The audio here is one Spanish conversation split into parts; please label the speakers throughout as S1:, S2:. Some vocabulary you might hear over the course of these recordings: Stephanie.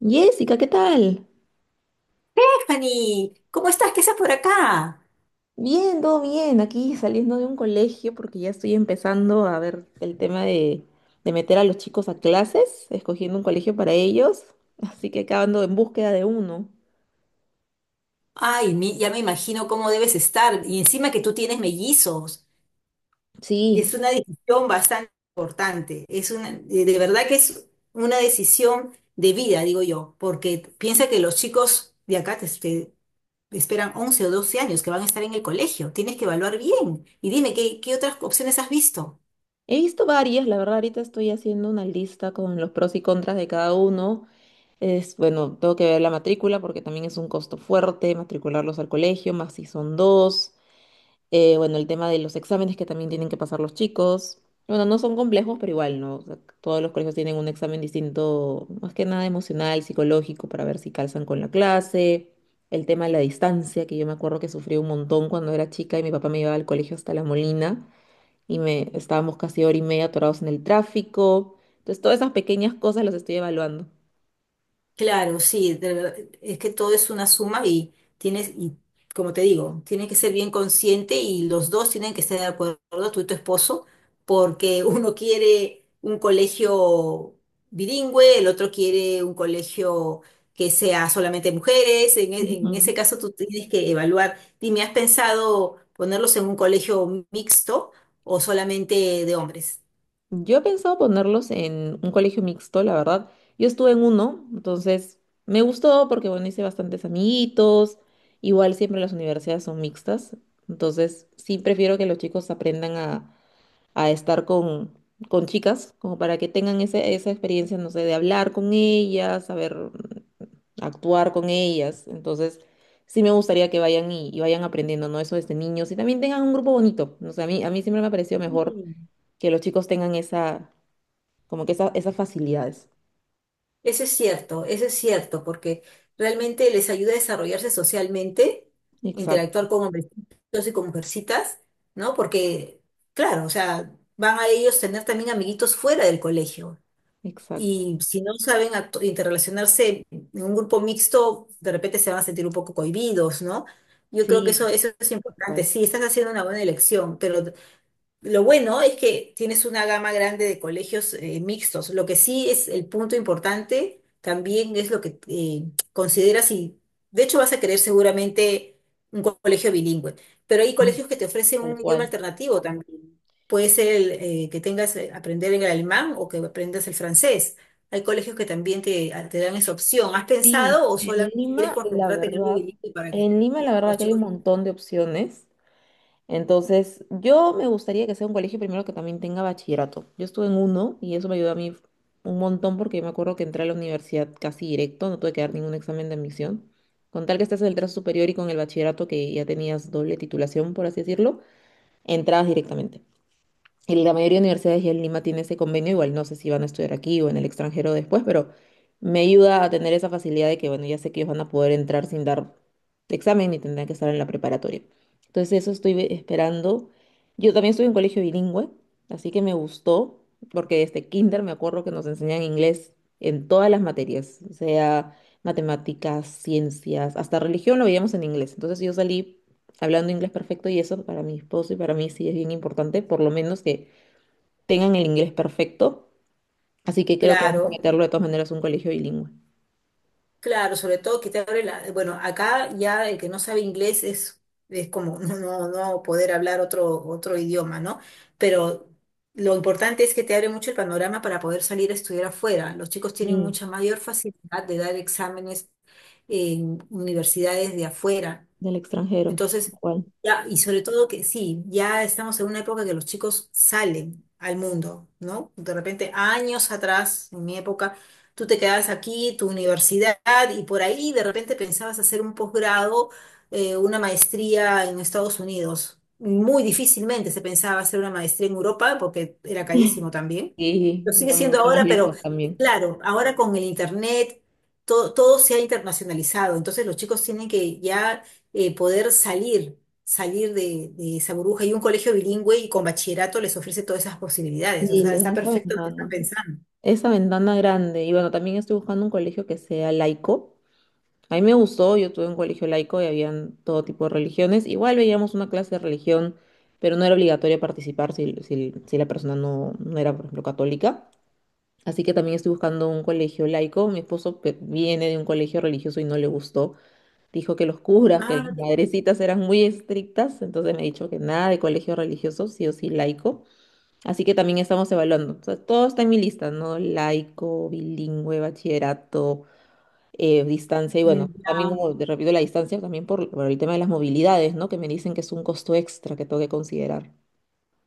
S1: Jessica, ¿qué tal?
S2: Stephanie, ¿cómo estás? ¿Qué haces por acá?
S1: Bien, todo bien. Aquí saliendo de un colegio porque ya estoy empezando a ver el tema de meter a los chicos a clases, escogiendo un colegio para ellos. Así que acabando en búsqueda de uno.
S2: Ay, ya me imagino cómo debes estar. Y encima que tú tienes mellizos.
S1: Sí,
S2: Es una decisión bastante importante. Es una, de verdad que es una decisión de vida, digo yo, porque piensa que los chicos de acá te esperan 11 o 12 años que van a estar en el colegio. Tienes que evaluar bien. Y dime, ¿qué otras opciones has visto?
S1: he visto varias. La verdad, ahorita estoy haciendo una lista con los pros y contras de cada uno. Es, bueno, tengo que ver la matrícula porque también es un costo fuerte matricularlos al colegio, más si son dos. Bueno, el tema de los exámenes que también tienen que pasar los chicos. Bueno, no son complejos, pero igual, ¿no? O sea, todos los colegios tienen un examen distinto, más que nada emocional, psicológico, para ver si calzan con la clase. El tema de la distancia, que yo me acuerdo que sufrí un montón cuando era chica y mi papá me llevaba al colegio hasta La Molina y me estábamos casi hora y media atorados en el tráfico. Entonces, todas esas pequeñas cosas las estoy evaluando.
S2: Claro, sí, de verdad, es que todo es una suma y tienes, y como te digo, tienes que ser bien consciente y los dos tienen que estar de acuerdo, tú y tu esposo, porque uno quiere un colegio bilingüe, el otro quiere un colegio que sea solamente mujeres. En, en
S1: Ujú.
S2: ese caso tú tienes que evaluar, dime, ¿has pensado ponerlos en un colegio mixto o solamente de hombres?
S1: Yo he pensado ponerlos en un colegio mixto, la verdad. Yo estuve en uno, entonces me gustó porque, bueno, hice bastantes amiguitos. Igual siempre las universidades son mixtas, entonces sí prefiero que los chicos aprendan a estar con chicas, como para que tengan esa experiencia, no sé, de hablar con ellas, saber actuar con ellas. Entonces sí me gustaría que vayan y vayan aprendiendo, ¿no? Eso desde niños y también tengan un grupo bonito. No sé, a mí siempre me ha parecido mejor que los chicos tengan esa esas facilidades.
S2: Eso es cierto, porque realmente les ayuda a desarrollarse socialmente,
S1: Exacto,
S2: interactuar con hombrecitos y con mujercitas, ¿no? Porque, claro, o sea, van a ellos tener también amiguitos fuera del colegio.
S1: exacto.
S2: Y si no saben interrelacionarse en un grupo mixto, de repente se van a sentir un poco cohibidos, ¿no? Yo creo que
S1: Sí,
S2: eso es
S1: tal
S2: importante.
S1: cual.
S2: Sí, estás haciendo una buena elección, pero lo bueno es que tienes una gama grande de colegios mixtos. Lo que sí es el punto importante también es lo que consideras, y de hecho vas a querer seguramente un colegio bilingüe, pero hay
S1: Sí,
S2: colegios que te ofrecen
S1: tal
S2: un idioma
S1: cual.
S2: alternativo también. Puede ser el, que tengas aprender el alemán o que aprendas el francés. Hay colegios que también te dan esa opción. ¿Has
S1: Sí,
S2: pensado o
S1: en
S2: solamente quieres
S1: Lima, la
S2: concentrarte en el
S1: verdad,
S2: bilingüe para que
S1: en Lima, la verdad
S2: los
S1: que hay un
S2: chicos...
S1: montón de opciones. Entonces, yo me gustaría que sea un colegio primero que también tenga bachillerato. Yo estuve en uno y eso me ayudó a mí un montón porque yo me acuerdo que entré a la universidad casi directo, no tuve que dar ningún examen de admisión. Con tal que estés en el trazo superior y con el bachillerato que ya tenías doble titulación, por así decirlo, entrabas directamente. Y la mayoría de universidades ya en Lima tiene ese convenio, igual no sé si van a estudiar aquí o en el extranjero después, pero me ayuda a tener esa facilidad de que, bueno, ya sé que ellos van a poder entrar sin dar examen y tendrán que estar en la preparatoria. Entonces eso estoy esperando. Yo también estuve en colegio bilingüe, así que me gustó, porque desde kinder me acuerdo que nos enseñan inglés en todas las materias, o sea matemáticas, ciencias, hasta religión lo veíamos en inglés. Entonces yo salí hablando inglés perfecto y eso para mi esposo y para mí sí es bien importante, por lo menos que tengan el inglés perfecto. Así que creo que vamos a
S2: Claro.
S1: meterlo de todas maneras a un colegio bilingüe.
S2: Claro, sobre todo que te abre la... Bueno, acá ya el que no sabe inglés es como no, no, no poder hablar otro idioma, ¿no? Pero lo importante es que te abre mucho el panorama para poder salir a estudiar afuera. Los chicos tienen
S1: Y
S2: mucha mayor facilidad de dar exámenes en universidades de afuera.
S1: del extranjero,
S2: Entonces,
S1: igual.
S2: ya, y sobre todo que sí, ya estamos en una época que los chicos salen al mundo, ¿no? De repente, años atrás, en mi época, tú te quedabas aquí, tu universidad, y por ahí de repente pensabas hacer un posgrado, una maestría en Estados Unidos. Muy difícilmente se pensaba hacer una maestría en Europa porque era carísimo también.
S1: Sí,
S2: Lo sigue
S1: era
S2: siendo
S1: mucho más
S2: ahora, pero
S1: lejos también.
S2: claro, ahora con el internet todo, todo se ha internacionalizado, entonces los chicos tienen que ya poder salir, salir de esa burbuja. Y un colegio bilingüe y con bachillerato les ofrece todas esas posibilidades. O
S1: Sí,
S2: sea,
S1: les da
S2: está
S1: esa
S2: perfecto lo que
S1: ventana.
S2: están pensando.
S1: Esa ventana grande. Y bueno, también estoy buscando un colegio que sea laico. A mí me gustó, yo tuve un colegio laico y habían todo tipo de religiones. Igual veíamos una clase de religión, pero no era obligatorio participar si la persona no era, por ejemplo, católica. Así que también estoy buscando un colegio laico. Mi esposo viene de un colegio religioso y no le gustó. Dijo que los curas, que
S2: Ah,
S1: las
S2: no te creo.
S1: madrecitas eran muy estrictas, entonces me ha dicho que nada de colegio religioso, sí o sí laico. Así que también estamos evaluando. O sea, todo está en mi lista, ¿no? Laico, bilingüe, bachillerato, distancia y
S2: Mm,
S1: bueno, también
S2: ya.
S1: como te repito la distancia, también por el tema de las movilidades, ¿no? Que me dicen que es un costo extra que tengo que considerar.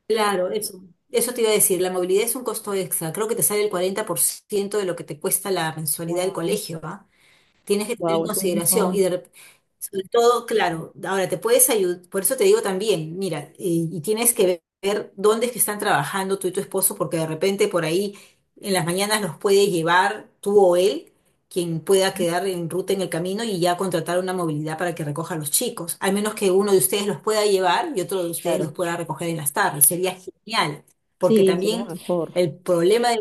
S2: Claro, eso. Eso te iba a decir, la movilidad es un costo extra. Creo que te sale el 40% de lo que te cuesta la mensualidad del
S1: Wow,
S2: colegio. Tienes que tener
S1: wow,
S2: en
S1: es un
S2: consideración,
S1: montón.
S2: sobre todo, claro, ahora te puedes ayudar, por eso te digo también, mira, y tienes que ver dónde es que están trabajando tú y tu esposo, porque de repente por ahí en las mañanas los puede llevar tú o él, quien pueda quedar en ruta en el camino y ya contratar una movilidad para que recoja a los chicos, al menos que uno de ustedes los pueda llevar y otro de ustedes
S1: Claro.
S2: los pueda recoger en las tardes, sería genial, porque
S1: Sí, sería
S2: también
S1: mejor.
S2: el problema de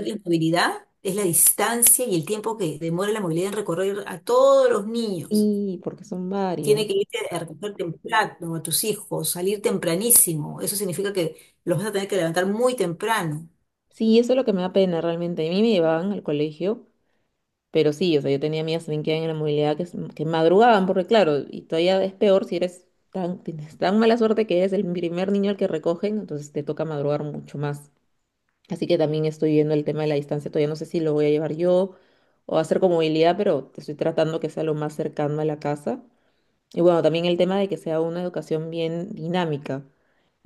S2: la movilidad es la distancia y el tiempo que demora la movilidad en recorrer a todos los niños.
S1: Sí, porque son
S2: Tiene
S1: varios.
S2: que irte a recoger temprano a tus hijos, salir tempranísimo. Eso significa que los vas a tener que levantar muy temprano.
S1: Sí, eso es lo que me da pena realmente. A mí me llevaban al colegio, pero sí, o sea, yo tenía amigas también que eran en la movilidad que madrugaban, porque claro, y todavía es peor si eres tan, tienes tan mala suerte que eres el primer niño al que recogen, entonces te toca madrugar mucho más. Así que también estoy viendo el tema de la distancia, todavía no sé si lo voy a llevar yo o hacer con movilidad, pero estoy tratando que sea lo más cercano a la casa. Y bueno, también el tema de que sea una educación bien dinámica.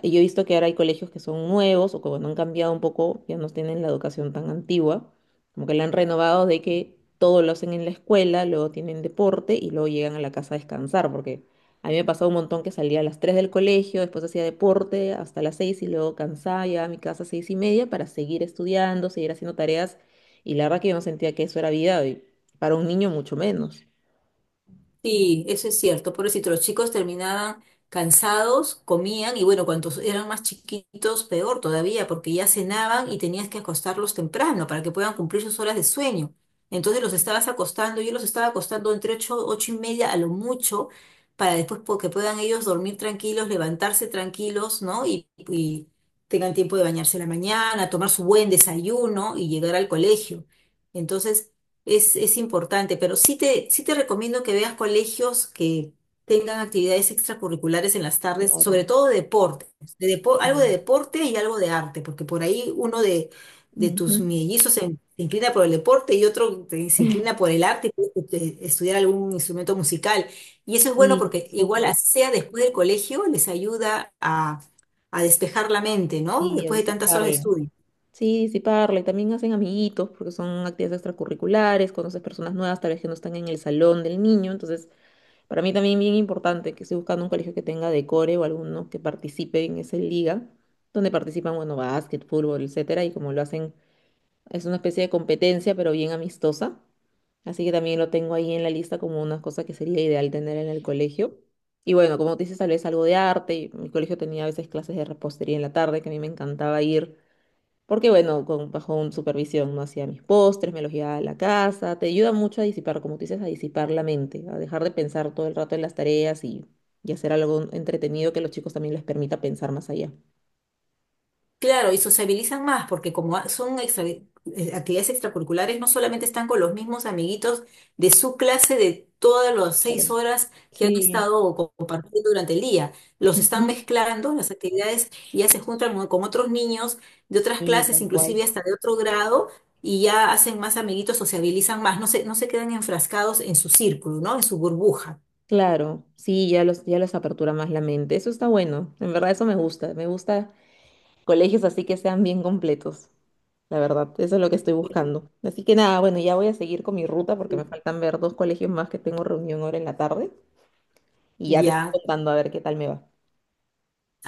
S1: Y yo he visto que ahora hay colegios que son nuevos o que bueno, han cambiado un poco, ya no tienen la educación tan antigua, como que la han renovado de que todo lo hacen en la escuela, luego tienen deporte y luego llegan a la casa a descansar, porque a mí me pasaba un montón que salía a las 3 del colegio, después hacía deporte hasta las 6 y luego cansaba, llegaba a mi casa a 6 y media para seguir estudiando, seguir haciendo tareas y la verdad que yo no sentía que eso era vida y para un niño mucho menos.
S2: Sí, eso es cierto. Pobrecito, los chicos terminaban cansados, comían y bueno, cuantos eran más chiquitos, peor todavía, porque ya cenaban y tenías que acostarlos temprano para que puedan cumplir sus horas de sueño. Entonces los estabas acostando, yo los estaba acostando entre 8, 8:30 a lo mucho, para después que puedan ellos dormir tranquilos, levantarse tranquilos, ¿no? Y tengan tiempo de bañarse en la mañana, tomar su buen desayuno y llegar al colegio. Entonces es importante, pero sí te recomiendo que veas colegios que tengan actividades extracurriculares en las tardes, sobre
S1: Claro.
S2: todo deporte, algo de
S1: Sí.
S2: deporte y algo de arte, porque por ahí uno de
S1: Ujú.
S2: tus mellizos se inclina por el deporte y otro se inclina por el arte y puede estudiar algún instrumento musical. Y eso es bueno
S1: Sí,
S2: porque igual
S1: súper.
S2: así sea después del colegio les ayuda a despejar la mente, ¿no?
S1: Sí, a
S2: Después de tantas horas de
S1: disiparla.
S2: estudio.
S1: Sí, disiparla. Y también hacen amiguitos porque son actividades extracurriculares, conoces personas nuevas, tal vez que no están en el salón del niño. Entonces, para mí también bien importante que estoy buscando un colegio que tenga decore o alguno que participe en esa liga, donde participan, bueno, básquet, fútbol, etcétera. Y como lo hacen, es una especie de competencia, pero bien amistosa. Así que también lo tengo ahí en la lista como una cosa que sería ideal tener en el colegio. Y bueno, como te dices, tal vez algo de arte. Mi colegio tenía a veces clases de repostería en la tarde, que a mí me encantaba ir, porque bueno, con, bajo un supervisión, no hacía mis postres, me los llevaba a la casa. Te ayuda mucho a disipar, como tú dices, a disipar la mente, a dejar de pensar todo el rato en las tareas y hacer algo entretenido que a los chicos también les permita pensar más allá.
S2: Claro, y sociabilizan más, porque como son actividades extracurriculares, no solamente están con los mismos amiguitos de su clase de todas las seis
S1: Claro.
S2: horas que han
S1: Sí.
S2: estado compartiendo durante el día, los están
S1: Ujú.
S2: mezclando las actividades y ya se juntan con otros niños de otras
S1: Sí,
S2: clases,
S1: tal cual.
S2: inclusive hasta de otro grado, y ya hacen más amiguitos, sociabilizan más, no se, no se quedan enfrascados en su círculo, ¿no? En su burbuja.
S1: Claro, sí, ya los apertura más la mente. Eso está bueno. En verdad, eso me gusta. Me gusta colegios así que sean bien completos. La verdad, eso es lo que estoy buscando. Así que nada, bueno, ya voy a seguir con mi ruta porque me faltan ver dos colegios más que tengo reunión ahora en la tarde y ya te estoy
S2: Ya.
S1: contando a ver qué tal me va.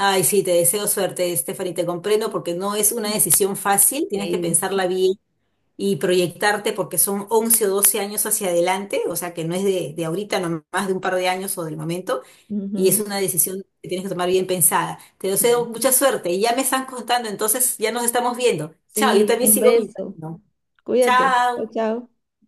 S2: Ay, sí, te deseo suerte, Stephanie, te comprendo porque no es una decisión fácil, tienes que
S1: Sí,
S2: pensarla bien y proyectarte porque son 11 o 12 años hacia adelante, o sea que no es de ahorita, no más de un par de años o del momento, y es
S1: ujú.
S2: una decisión que tienes que tomar bien pensada. Te deseo
S1: Sí,
S2: mucha suerte y ya me están contando, entonces ya nos estamos viendo. Chao, yo
S1: sí,
S2: también
S1: un
S2: sigo mi
S1: beso.
S2: camino.
S1: Cuídate. Chao,
S2: Chao.
S1: chao.